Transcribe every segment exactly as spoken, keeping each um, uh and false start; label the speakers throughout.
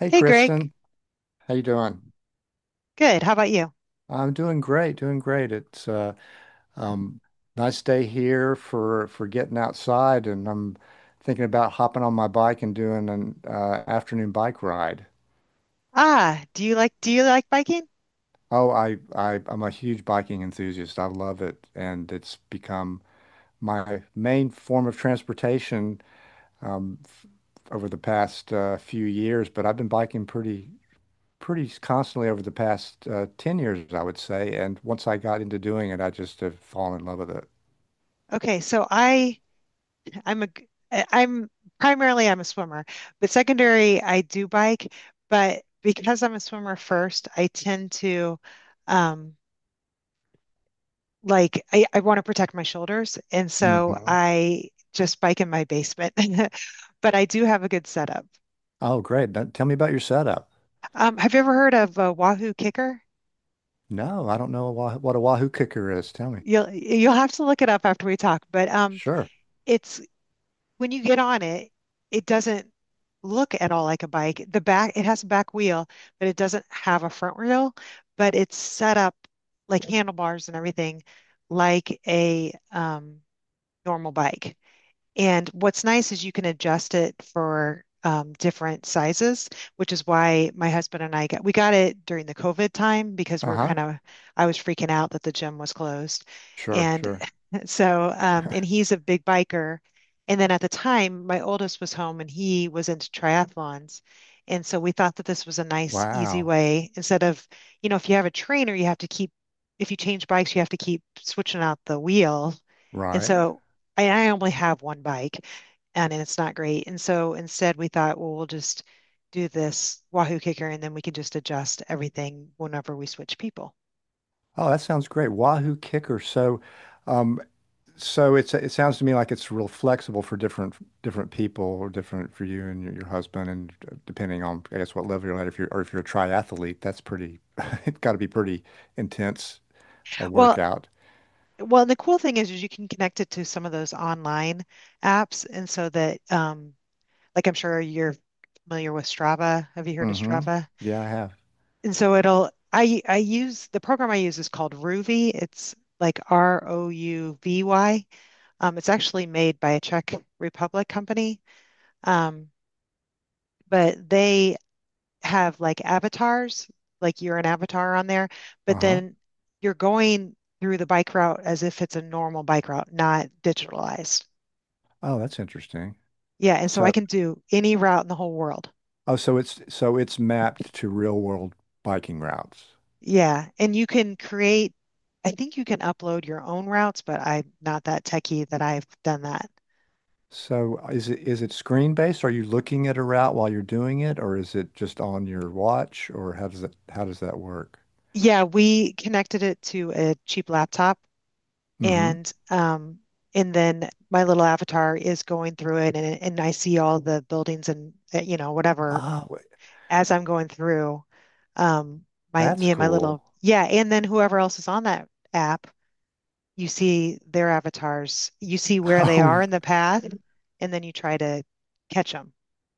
Speaker 1: Hey
Speaker 2: Hey Greg,
Speaker 1: Kristen, how you doing?
Speaker 2: good. How about you?
Speaker 1: I'm doing great, doing great. It's uh, um, Nice day here for for getting outside, and I'm thinking about hopping on my bike and doing an uh, afternoon bike ride.
Speaker 2: Ah, do you like do you like biking?
Speaker 1: Oh, I, I I'm a huge biking enthusiast. I love it, and it's become my main form of transportation um, f over the past uh, few years. But I've been biking pretty pretty constantly over the past uh, ten years, I would say. And once I got into doing it, I just have fallen in love with it.
Speaker 2: Okay, so I I'm a g- I- I'm primarily I'm a swimmer, but secondary I do bike, but because I'm a swimmer first, I tend to um like I, I want to protect my shoulders and so
Speaker 1: Mhm.
Speaker 2: I just bike in my basement. But I do have a good setup.
Speaker 1: Oh, great. Now, tell me about your setup.
Speaker 2: Um, have you ever heard of a Wahoo Kicker?
Speaker 1: No, I don't know wha- what a Wahoo cooker is. Tell me.
Speaker 2: You'll you'll have to look it up after we talk, but um
Speaker 1: Sure.
Speaker 2: it's when you get on it, it doesn't look at all like a bike. The back, it has a back wheel, but it doesn't have a front wheel, but it's set up like handlebars and everything like a um, normal bike. And what's nice is you can adjust it for um, different sizes, which is why my husband and I got we got it during the COVID time because we were
Speaker 1: Uh-huh.
Speaker 2: kind of I was freaking out that the gym was closed,
Speaker 1: Sure,
Speaker 2: and
Speaker 1: sure.
Speaker 2: so um, and he's a big biker, and then at the time my oldest was home and he was into triathlons, and so we thought that this was a nice easy
Speaker 1: Wow.
Speaker 2: way instead of you know if you have a trainer you have to keep if you change bikes you have to keep switching out the wheel. And
Speaker 1: Right.
Speaker 2: so and I only have one bike and it's not great. And so instead we thought, well, we'll just do this Wahoo kicker and then we can just adjust everything whenever we switch people.
Speaker 1: Oh, that sounds great. Wahoo kicker. So, um, So it's it sounds to me like it's real flexible for different different people or different for you and your, your husband and uh, depending on I guess what level you're at if you're or if you're a triathlete, that's pretty it's got to be pretty intense a
Speaker 2: Well,
Speaker 1: workout.
Speaker 2: well, the cool thing is, is you can connect it to some of those online apps and so that um like I'm sure you're familiar with Strava. Have you heard of
Speaker 1: Mm-hmm.
Speaker 2: Strava?
Speaker 1: Yeah, I have.
Speaker 2: And so it'll I I use the program I use is called Rouvy. It's like R O U V Y. Um, it's actually made by a Czech Republic company. Um, but they have like avatars, like you're an avatar on there, but
Speaker 1: Uh-huh.
Speaker 2: then you're going through the bike route as if it's a normal bike route, not digitalized.
Speaker 1: Oh, that's interesting.
Speaker 2: Yeah, and so I
Speaker 1: So
Speaker 2: can do any route in the whole world.
Speaker 1: oh so it's so it's mapped to real world biking routes.
Speaker 2: Yeah, and you can create, I think you can upload your own routes, but I'm not that techie that I've done that.
Speaker 1: So uh, is it is it screen based? Are you looking at a route while you're doing it, or is it just on your watch, or how does that how does that work?
Speaker 2: Yeah, we connected it to a cheap laptop
Speaker 1: Mm-hmm.
Speaker 2: and um, and then my little avatar is going through it, and and I see all the buildings and uh, you know whatever
Speaker 1: Ah,
Speaker 2: as I'm going through. Um, my
Speaker 1: that's
Speaker 2: me and my little
Speaker 1: cool.
Speaker 2: yeah, and then whoever else is on that app, you see their avatars, you see where they
Speaker 1: Oh,
Speaker 2: are in the path, and then you try to catch them.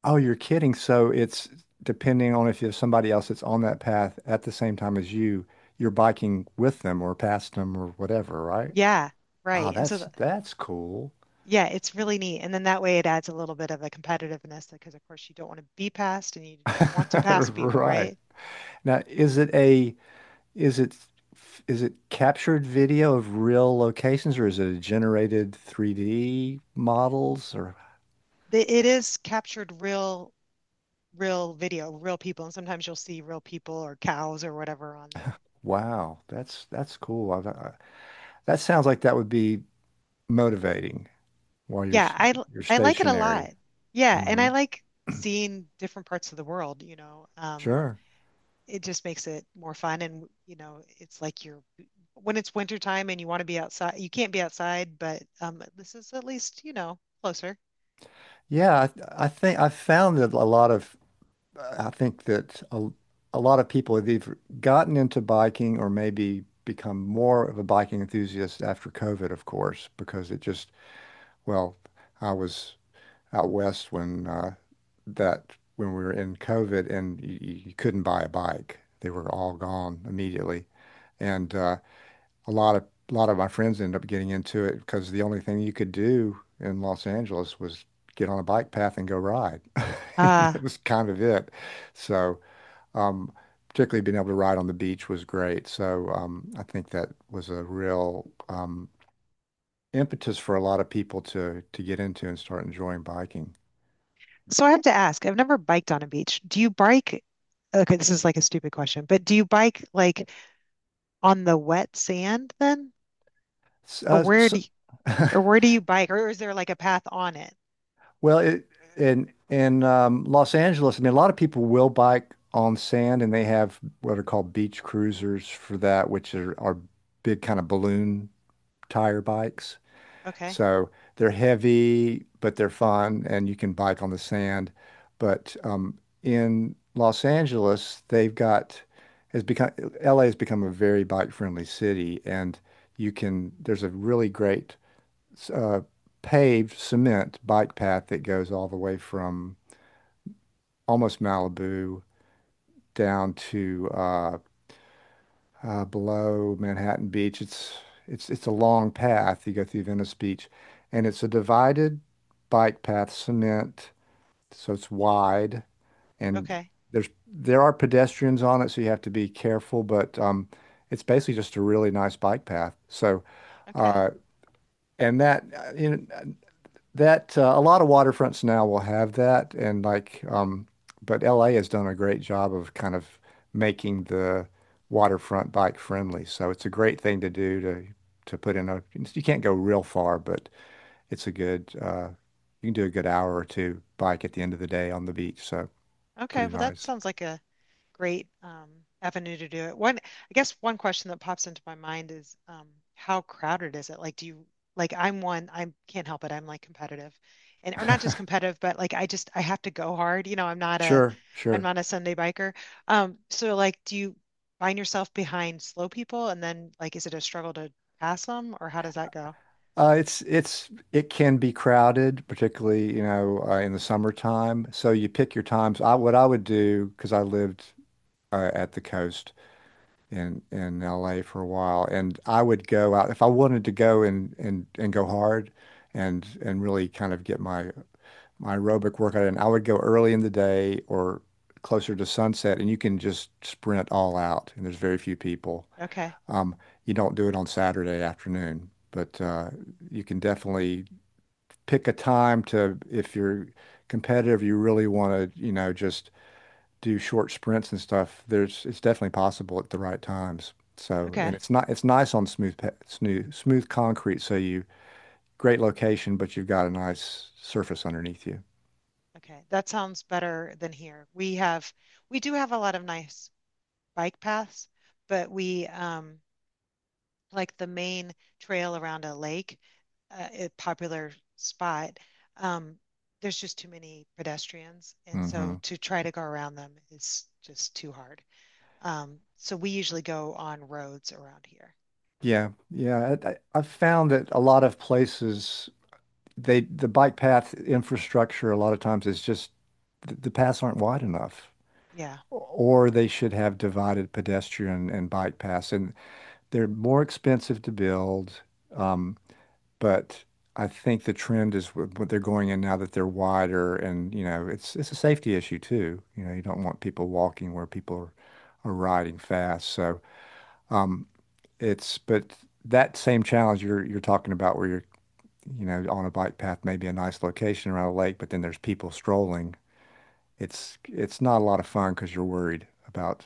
Speaker 1: oh, you're kidding. So it's depending on if you have somebody else that's on that path at the same time as you, you're biking with them or past them or whatever, right?
Speaker 2: Yeah, right.
Speaker 1: Ah,
Speaker 2: And so
Speaker 1: that's
Speaker 2: the,
Speaker 1: that's cool.
Speaker 2: yeah, it's really neat. And then that way it adds a little bit of a competitiveness because of course you don't want to be passed and you want to pass people,
Speaker 1: Right.
Speaker 2: right?
Speaker 1: Now, is it a is it is it captured video of real locations, or is it a generated three D models? Or
Speaker 2: they, it is captured real, real video, real people, and sometimes you'll see real people or cows or whatever on there.
Speaker 1: wow, that's that's cool. I've, I, that sounds like that would be motivating while you're
Speaker 2: Yeah,
Speaker 1: s-
Speaker 2: I l-
Speaker 1: you're
Speaker 2: I like it a lot.
Speaker 1: stationary.
Speaker 2: Yeah, and
Speaker 1: hmm
Speaker 2: I like seeing different parts of the world, you know. Um,
Speaker 1: Sure.
Speaker 2: it just makes it more fun and you know, it's like you're when it's winter time and you want to be outside, you can't be outside, but um this is at least, you know, closer.
Speaker 1: Yeah, I, th- I think I found that a lot of I think that a, a lot of people have either gotten into biking or maybe become more of a biking enthusiast after COVID, of course, because it just well, I was out west when uh, that when we were in COVID, and you, you couldn't buy a bike. They were all gone immediately. And uh, a lot of a lot of my friends ended up getting into it because the only thing you could do in Los Angeles was get on a bike path and go ride. You know,
Speaker 2: Uh,
Speaker 1: that was kind of it. So, um, Particularly being able to ride on the beach was great. So, um, I think that was a real um, impetus for a lot of people to to get into and start enjoying biking.
Speaker 2: so I have to ask, I've never biked on a beach. Do you bike? Okay, this is like a stupid question, but do you bike like on the wet sand then?
Speaker 1: S-
Speaker 2: Or
Speaker 1: uh,
Speaker 2: where
Speaker 1: s
Speaker 2: do you, or where do you bike? Or is there like a path on it?
Speaker 1: Well, it, in in um, Los Angeles, I mean, a lot of people will bike on sand, and they have what are called beach cruisers for that, which are, are big kind of balloon tire bikes.
Speaker 2: Okay.
Speaker 1: So they're heavy, but they're fun, and you can bike on the sand. But um, in Los Angeles, they've got has become L A has become a very bike friendly city, and you can there's a really great s- uh, paved cement bike path that goes all the way from almost Malibu down to uh, uh, below Manhattan Beach. It's it's it's a long path. You go through Venice Beach, and it's a divided bike path, cement, so it's wide, and
Speaker 2: Okay.
Speaker 1: there's there are pedestrians on it, so you have to be careful. But um, it's basically just a really nice bike path. So,
Speaker 2: Okay.
Speaker 1: uh, and that uh, you know, That uh, a lot of waterfronts now will have that, and like, um, but L A has done a great job of kind of making the waterfront bike friendly. So it's a great thing to do to to put in a. You can't go real far, but it's a good. Uh, you can do a good hour or two bike at the end of the day on the beach. So
Speaker 2: Okay.
Speaker 1: pretty
Speaker 2: Well, that
Speaker 1: nice.
Speaker 2: sounds like a great um, avenue to do it. One, I guess one question that pops into my mind is um, how crowded is it? Like, do you like I'm one, I can't help it. I'm like competitive and or not just competitive, but like I just I have to go hard. You know, I'm not a
Speaker 1: Sure,
Speaker 2: I'm
Speaker 1: sure.
Speaker 2: not a Sunday biker. Um, so like do you find yourself behind slow people and then like is it a struggle to pass them or how does that go?
Speaker 1: Uh, it's it's it can be crowded, particularly, you know, uh, in the summertime. So you pick your times. I what I would do because I lived uh, at the coast in in L A for a while, and I would go out if I wanted to go and and and go hard, and and really kind of get my my aerobic workout in. I would go early in the day or closer to sunset, and you can just sprint all out, and there's very few people.
Speaker 2: Okay.
Speaker 1: Um, you don't do it on Saturday afternoon, but uh, you can definitely pick a time to if you're competitive, you really want to, you know, just do short sprints and stuff, there's it's definitely possible at the right times. So, and
Speaker 2: Okay.
Speaker 1: it's not it's nice on smooth pa- smooth smooth concrete. So you great location, but you've got a nice surface underneath you.
Speaker 2: Okay. That sounds better than here. We have we do have a lot of nice bike paths, but we um like the main trail around a lake, uh, a popular spot, um, there's just too many pedestrians, and
Speaker 1: hmm
Speaker 2: so to try to go around them is just too hard. Um, so we usually go on roads around here.
Speaker 1: Yeah, yeah. I, I- I've found that a lot of places they the bike path infrastructure a lot of times is just the, the paths aren't wide enough.
Speaker 2: Yeah,
Speaker 1: Or they should have divided pedestrian and bike paths, and they're more expensive to build. Um, but I think the trend is what what they're going in now, that they're wider, and you know it's it's a safety issue too. You know, you don't want people walking where people are, are riding fast. So um, it's but that same challenge you're you're talking about where you're you know on a bike path, maybe a nice location around a lake, but then there's people strolling. It's it's not a lot of fun because you're worried about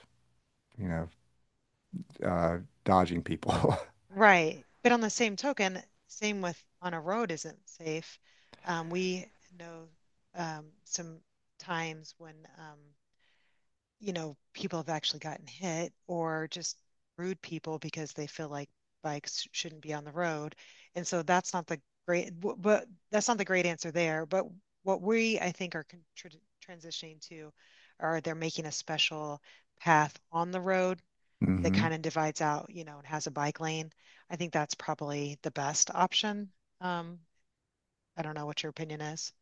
Speaker 1: you know uh, dodging people.
Speaker 2: right. But on the same token, same with on a road isn't safe. Um, we know um, some times when um, you know, people have actually gotten hit or just rude people because they feel like bikes shouldn't be on the road. And so that's not the great, but that's not the great answer there. But what we, I think, are con transitioning to are they're making a special path on the road that
Speaker 1: hmm
Speaker 2: kind of divides out, you know, and has a bike lane. I think that's probably the best option. Um, I don't know what your opinion is.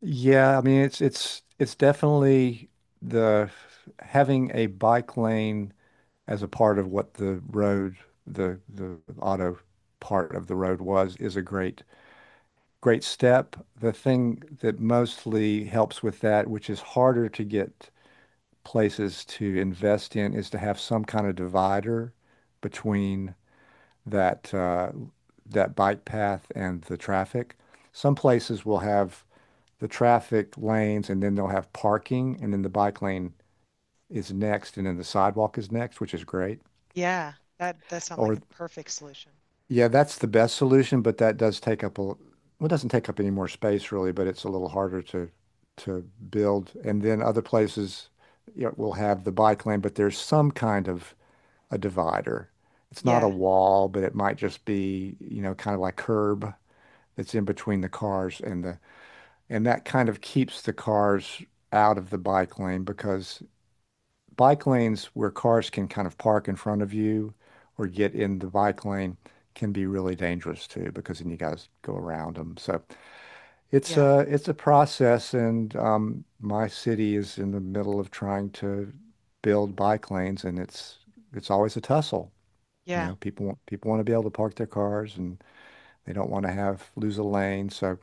Speaker 1: Yeah, I mean it's it's it's definitely the having a bike lane as a part of what the road, the the auto part of the road was is a great great step. The thing that mostly helps with that, which is harder to get places to invest in, is to have some kind of divider between that uh, that bike path and the traffic. Some places will have the traffic lanes, and then they'll have parking, and then the bike lane is next, and then the sidewalk is next, which is great.
Speaker 2: Yeah, that that sounds like
Speaker 1: Or
Speaker 2: a perfect solution.
Speaker 1: Yeah, that's the best solution, but that does take up a well, it doesn't take up any more space really, but it's a little harder to to build. And then other places, you know, will have the bike lane, but there's some kind of a divider. It's not a
Speaker 2: Yeah,
Speaker 1: wall, but it might just be, you know, kind of like curb that's in between the cars and the and that kind of keeps the cars out of the bike lane, because bike lanes where cars can kind of park in front of you or get in the bike lane can be really dangerous too, because then you got to go around them. So it's
Speaker 2: yeah,
Speaker 1: a it's a process, and um, my city is in the middle of trying to build bike lanes, and it's it's always a tussle. You
Speaker 2: yeah,
Speaker 1: know, people want people want to be able to park their cars, and they don't want to have lose a lane. So,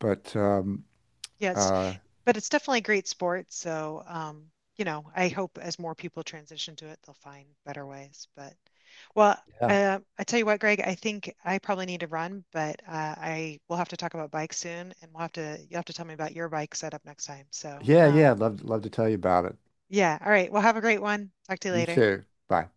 Speaker 1: but um,
Speaker 2: yeah. It's
Speaker 1: uh,
Speaker 2: But it's definitely a great sport. So, um, you know, I hope as more people transition to it, they'll find better ways. But, well,
Speaker 1: yeah,
Speaker 2: uh, I tell you what, Greg, I think I probably need to run, but uh, I will have to talk about bikes soon, and we'll have to you'll have to tell me about your bike setup next time. So,
Speaker 1: yeah,
Speaker 2: um,
Speaker 1: yeah. I'd love love to tell you about it.
Speaker 2: yeah, all right. Well, have a great one. Talk to you
Speaker 1: You
Speaker 2: later.
Speaker 1: too. Bye.